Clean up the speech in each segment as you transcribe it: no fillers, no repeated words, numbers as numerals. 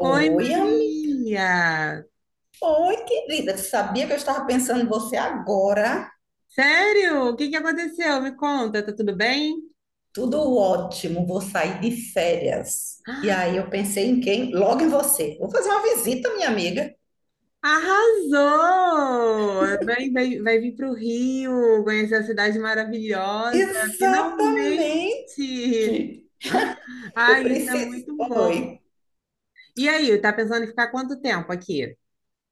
Oi, Oi, Maria! oi, querida. Sabia que eu estava pensando em você agora? Sério? O que que aconteceu? Me conta, tá tudo bem? Tudo ótimo, vou sair de férias. E Ah, aí eu pensei em quem? Logo em você. Vou fazer uma visita, minha amiga. arrasou! Vai, vai, vai vir para o Rio, conhecer a cidade maravilhosa, Exatamente. finalmente! Eu Ai, isso é preciso. muito bom! Oi. E aí, tá pensando em ficar quanto tempo aqui?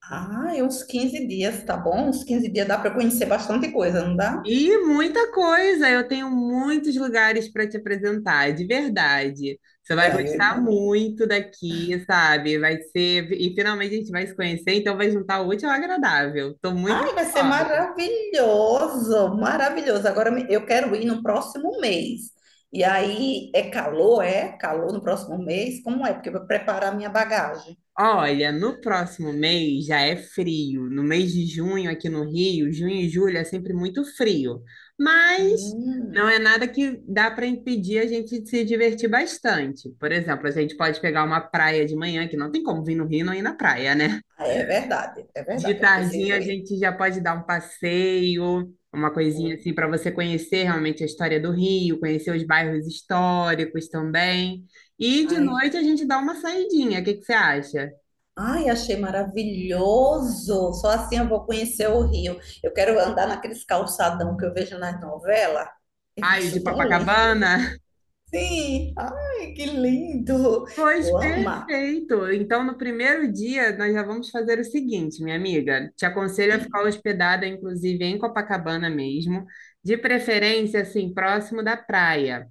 Ah, é uns 15 dias, tá bom? Uns quinze dias dá para conhecer bastante coisa, não dá? E muita coisa, eu tenho muitos lugares para te apresentar, de verdade. Você vai Ah, eu gostar muito daqui, sabe? Vai ser, e finalmente a gente vai se conhecer, então vai juntar o útil ao agradável. Estou muito Ai, vai ser ansiosa. maravilhoso, maravilhoso. Agora eu quero ir no próximo mês. E aí é? Calor no próximo mês? Como é? Porque eu vou preparar minha bagagem. Olha, no próximo mês já é frio. No mês de junho aqui no Rio, junho e julho é sempre muito frio. Mas Hum, não é nada que dá para impedir a gente de se divertir bastante. Por exemplo, a gente pode pegar uma praia de manhã, que não tem como vir no Rio e não ir na praia, né? é verdade, é De verdade. Eu tardinha preciso a ir. gente já pode dar um passeio, uma coisinha assim para você conhecer realmente a história do Rio, conhecer os bairros históricos também. E de Ai, noite a gente dá uma saidinha. O que que você acha? ai, achei maravilhoso. Só assim eu vou conhecer o Rio. Eu quero andar naqueles calçadão que eu vejo nas novelas. Eu Ai, de acho tão lindo. Copacabana? Sim, ai, que lindo. Pois Vou amar. perfeito. Então, no primeiro dia, nós já vamos fazer o seguinte, minha amiga. Te aconselho a Hum, ficar hospedada, inclusive, em Copacabana mesmo, de preferência, assim, próximo da praia.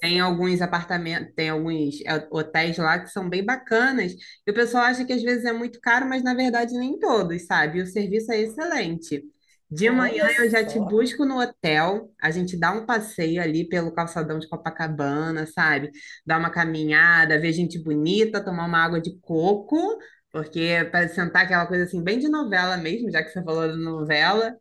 Tem alguns apartamentos, tem alguns hotéis lá que são bem bacanas, e o pessoal acha que às vezes é muito caro, mas na verdade nem todos, sabe? E o serviço é excelente. De manhã Olha eu já te só. busco no hotel, a gente dá um passeio ali pelo calçadão de Copacabana, sabe? Dá uma caminhada, ver gente bonita, tomar uma água de coco, porque para sentar aquela coisa assim, bem de novela mesmo, já que você falou de novela.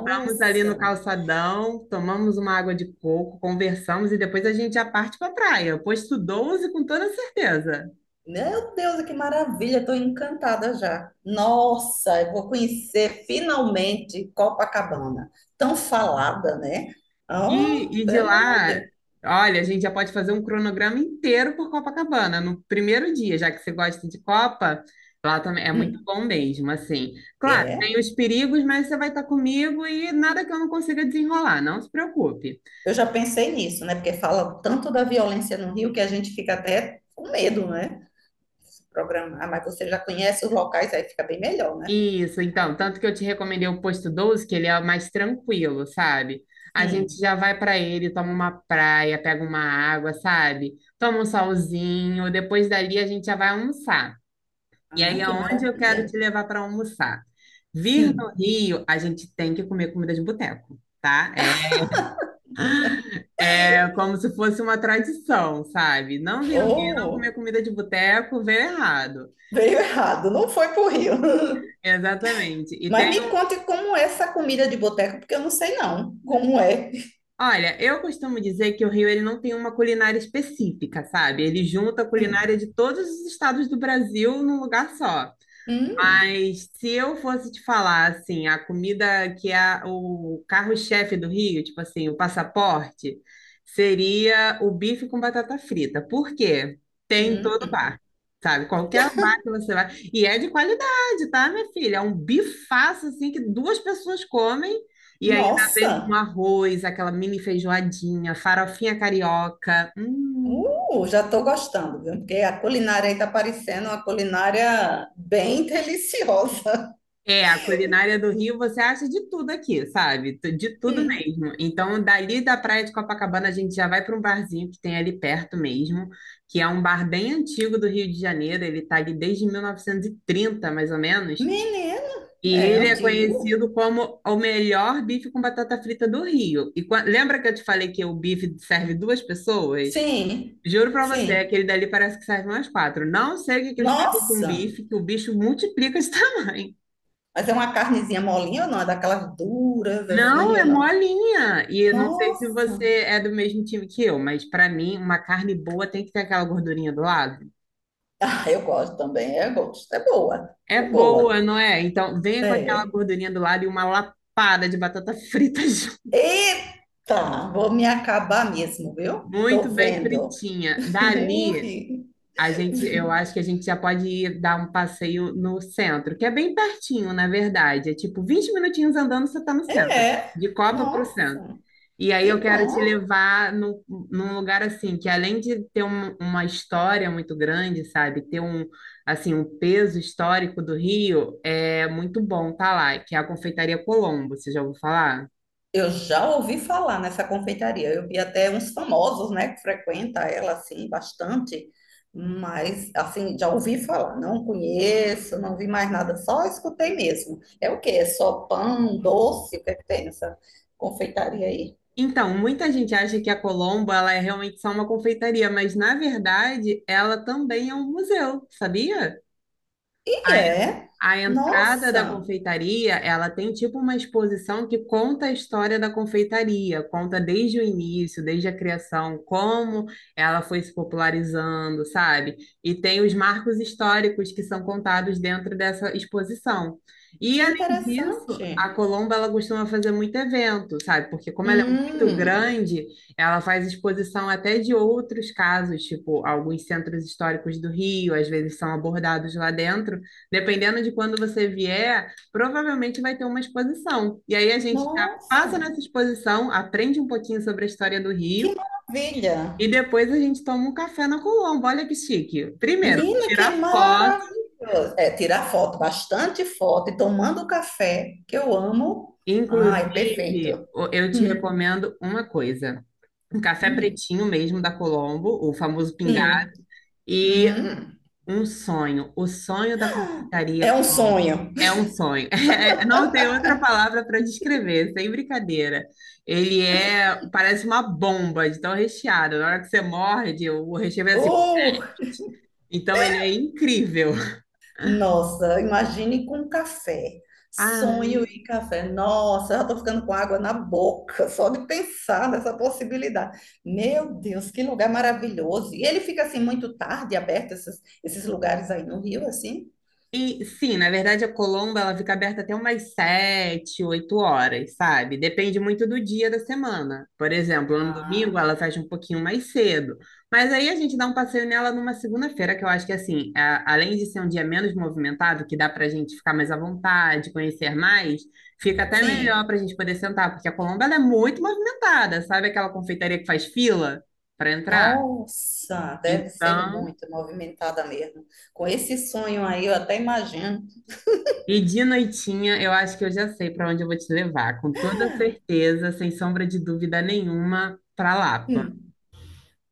Ficamos ali no calçadão, tomamos uma água de coco, conversamos e depois a gente já parte para a praia. Posto doze, com toda certeza. Meu Deus, que maravilha. Estou encantada já. Nossa, eu vou conhecer finalmente Copacabana. Tão falada, né? Oh, E de pelo amor de lá, Deus. olha, a gente já pode fazer um cronograma inteiro por Copacabana no primeiro dia, já que você gosta de Copa, lá também é muito Hum, bom mesmo, assim. Claro, tem é. os perigos, mas você vai estar comigo e nada que eu não consiga desenrolar, não se preocupe. Eu já pensei nisso, né? Porque fala tanto da violência no Rio que a gente fica até com medo, né? Se programar. Mas você já conhece os locais, aí fica bem melhor, né? Isso, então, tanto que eu te recomendei o posto doze, que ele é mais tranquilo, sabe? A gente Sim. já vai para ele, toma uma praia, pega uma água, sabe? Toma um solzinho, depois dali a gente já vai almoçar. E aí Ah, é que onde eu maravilha. quero te levar para almoçar. Vir no Sim. Rio, a gente tem que comer comida de boteco, tá? É, é como se fosse uma tradição, sabe? Não vir no Rio e não comer Oh, comida de boteco, veio errado. veio errado. Não foi pro Rio. Exatamente. E Mas me conte como é essa comida de boteco, porque eu não sei não como é. olha, eu costumo dizer que o Rio ele não tem uma culinária específica, sabe? Ele junta a Hum, culinária de todos os estados do Brasil num lugar só. hum, Mas se eu fosse te falar, assim, a comida que é o carro-chefe do Rio, tipo assim, o passaporte, seria o bife com batata frita. Por quê? Tem em todo hum, bar, sabe? Qualquer bar que você vai. E é de qualidade, tá, minha filha? É um bifaço, assim, que duas pessoas comem e ainda vem com nossa, arroz, aquela mini feijoadinha, farofinha carioca. Hum. Já estou gostando, viu? Porque a culinária aí está parecendo uma culinária bem deliciosa. É, a culinária do Rio você acha de tudo aqui, sabe? De tudo Hum. mesmo. Então, dali da Praia de Copacabana, a gente já vai para um barzinho que tem ali perto mesmo, que é um bar bem antigo do Rio de Janeiro. Ele está ali desde 1930, mais ou menos. Menina, E é ele é antigo? conhecido como o melhor bife com batata frita do Rio. E lembra que eu te falei que o bife serve duas pessoas? Sim, Juro para você, sim. aquele dali parece que serve umas quatro. Não sei o que que eles fazem com Nossa, bife, que o bicho multiplica de tamanho. mas é uma carnezinha molinha ou não? É daquelas duras Não, assim ou é não? molinha. E eu não sei se Nossa, você é do mesmo time que eu, mas pra mim, uma carne boa tem que ter aquela gordurinha do lado. ah, eu gosto também, eu gosto. É boa, É é boa. boa, não é? Então, venha com aquela É. gordurinha do lado e uma lapada de batata frita junto, Eita, vou me acabar mesmo, viu? Tô muito bem vendo. fritinha. Dali, Ui. a gente, eu acho que a gente já pode ir dar um passeio no centro, que é bem pertinho, na verdade. É tipo 20 minutinhos andando, você está no centro. É, De Copa para o centro. nossa, E aí eu que quero te bom. levar no, num lugar assim, que além de ter uma história muito grande, sabe? Ter um, assim, um peso histórico do Rio, é muito bom tá lá, que é a Confeitaria Colombo, você já ouviu falar? Eu já ouvi falar nessa confeitaria. Eu vi até uns famosos, né, que frequenta ela assim bastante, mas assim, já ouvi falar, não conheço, não vi mais nada, só escutei mesmo. É o quê? É só pão, doce, o que é que tem nessa confeitaria aí? Então, muita gente acha que a Colombo, ela é realmente só uma confeitaria, mas na verdade, ela também é um museu, sabia? E é? A entrada da Nossa, confeitaria, ela tem tipo uma exposição que conta a história da confeitaria, conta desde o início, desde a criação, como ela foi se popularizando, sabe? E tem os marcos históricos que são contados dentro dessa exposição. E que além disso, a interessante. Colombo ela costuma fazer muito evento, sabe? Porque como ela é muito Hum, grande, ela faz exposição até de outros casos, tipo alguns centros históricos do Rio, às vezes são abordados lá dentro. Dependendo de quando você vier, provavelmente vai ter uma exposição. E aí a gente já passa nossa, nessa exposição, aprende um pouquinho sobre a história do que Rio maravilha! e depois a gente toma um café na Colombo. Olha que chique. Primeiro, Menina, que tirar foto. maravilhoso! É, tirar foto, bastante foto e tomando café, que eu amo. Ah, é perfeito. Inclusive, eu te Hum, recomendo uma coisa. Um café hum, pretinho mesmo da Colombo, o famoso pingá, sim. e Hum, um sonho, o sonho da confeitaria. é um sonho. É um sonho. Não tem outra palavra para descrever, sem brincadeira. Ele é, parece uma bomba de tão recheado. Na hora que você morde, o recheio é assim. Uh! Então ele é incrível. Nossa, imagine com café. Ah, Sonho e café. Nossa, já estou ficando com água na boca só de pensar nessa possibilidade. Meu Deus, que lugar maravilhoso. E ele fica assim muito tarde, aberto esses lugares aí no Rio, assim? e sim, na verdade a Colomba ela fica aberta até umas sete, oito horas, sabe? Depende muito do dia da semana. Por exemplo, no Ah, domingo ela fecha um pouquinho mais cedo. Mas aí a gente dá um passeio nela numa segunda-feira, que eu acho que assim, além de ser um dia menos movimentado, que dá pra gente ficar mais à vontade, conhecer mais, fica até sim. melhor pra gente poder sentar, porque a Colomba ela é muito movimentada, sabe? Aquela confeitaria que faz fila para entrar. Nossa, deve ser Então, muito movimentada mesmo. Com esse sonho aí, eu até imagino. e de noitinha, eu acho que eu já sei para onde eu vou te levar, com toda certeza, sem sombra de dúvida nenhuma, para Lapa. Hum,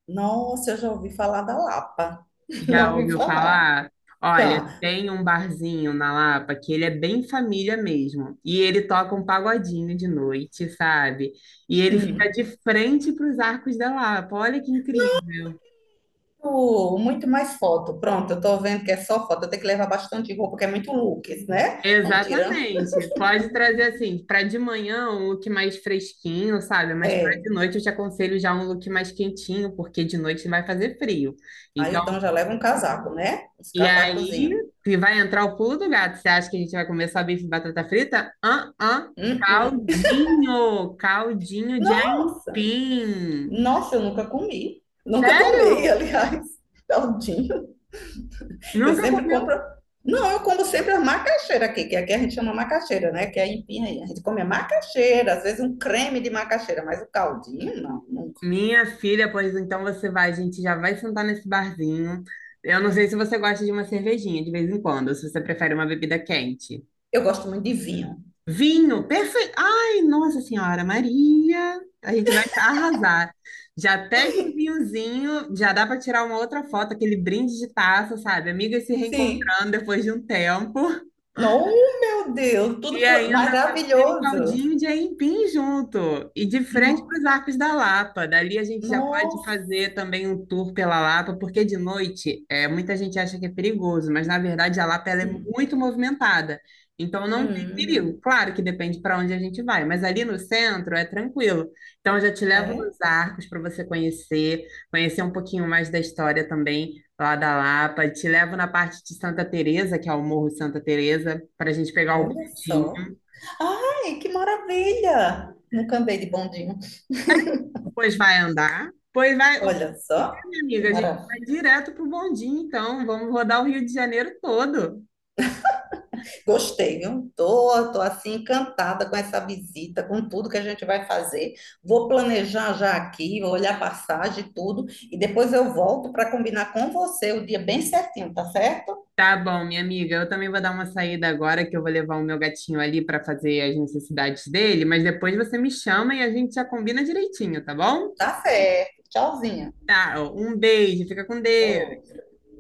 nossa, eu já ouvi falar da Lapa. Já Já ouvi ouviu falar. falar? Olha, Já. tem um barzinho na Lapa que ele é bem família mesmo, e ele toca um pagodinho de noite, sabe? E ele fica Hum. de frente para os Arcos da Lapa. Olha que incrível. Muito muito mais foto. Pronto, eu tô vendo que é só foto. Eu tenho que levar bastante roupa, porque é muito looks, né? Vamos tirando. Exatamente. Pode trazer assim, para de manhã um look mais fresquinho, sabe? Mas para É. de noite eu te aconselho já um look mais quentinho, porque de noite vai fazer frio. Aí Então, então já leva um casaco, né? Uns e aí casacozinhos. que vai entrar o pulo do gato. Você acha que a gente vai comer só bife e batata frita? Ah, ah, Hum, hum. caldinho, caldinho de Nossa! aipim. Nossa, eu nunca comi. Nunca tomei, Sério? aliás. Taldinho. Eu Nunca sempre comeu? compro. Não, eu como sempre a macaxeira aqui, que aqui a gente chama macaxeira, né? Que é a empinha aí. A gente come a macaxeira, às vezes um creme de macaxeira, mas o caldinho, não, nunca. Minha filha, pois então você vai, a gente já vai sentar nesse barzinho. Eu não sei se você gosta de uma cervejinha de vez em quando, ou se você prefere uma bebida quente. Eu gosto muito de vinho. Vinho, perfeito. Ai, Nossa Senhora Maria, a gente vai arrasar. Já pede um vinhozinho, já dá para tirar uma outra foto, aquele brinde de taça, sabe? Amigas se Sim. reencontrando depois de um tempo. Não, meu Deus, E ainda com aquele maravilhoso. caldinho de aipim junto. E de frente para os No, Arcos da Lapa. Dali a gente já pode nossa. fazer também um tour pela Lapa, porque de noite é, muita gente acha que é perigoso, mas na verdade a Lapa ela é muito movimentada. Então não tem perigo. Hum, Claro que depende para onde a gente vai, mas ali no centro é tranquilo. Então eu já te levo é, nos Arcos para você conhecer, conhecer um pouquinho mais da história também lá da Lapa. Te levo na parte de Santa Teresa, que é o Morro Santa Teresa, para a gente pegar o olha tinha. só. Ai, que maravilha! Nunca andei de bondinho. Pois vai andar. Pois vai. O Olha que é, só, minha que amiga, a gente vai maravilha. direto pro bondinho, então. Vamos rodar o Rio de Janeiro todo. Gostei, viu? Tô assim encantada com essa visita, com tudo que a gente vai fazer. Vou planejar já aqui, vou olhar passagem e tudo, e depois eu volto para combinar com você o dia bem certinho, tá certo? Tá bom, minha amiga. Eu também vou dar uma saída agora, que eu vou levar o meu gatinho ali para fazer as necessidades dele, mas depois você me chama e a gente já combina direitinho, tá bom? Tá certo. Tchauzinha. Tá, ó, um beijo, fica com Ô. Deus.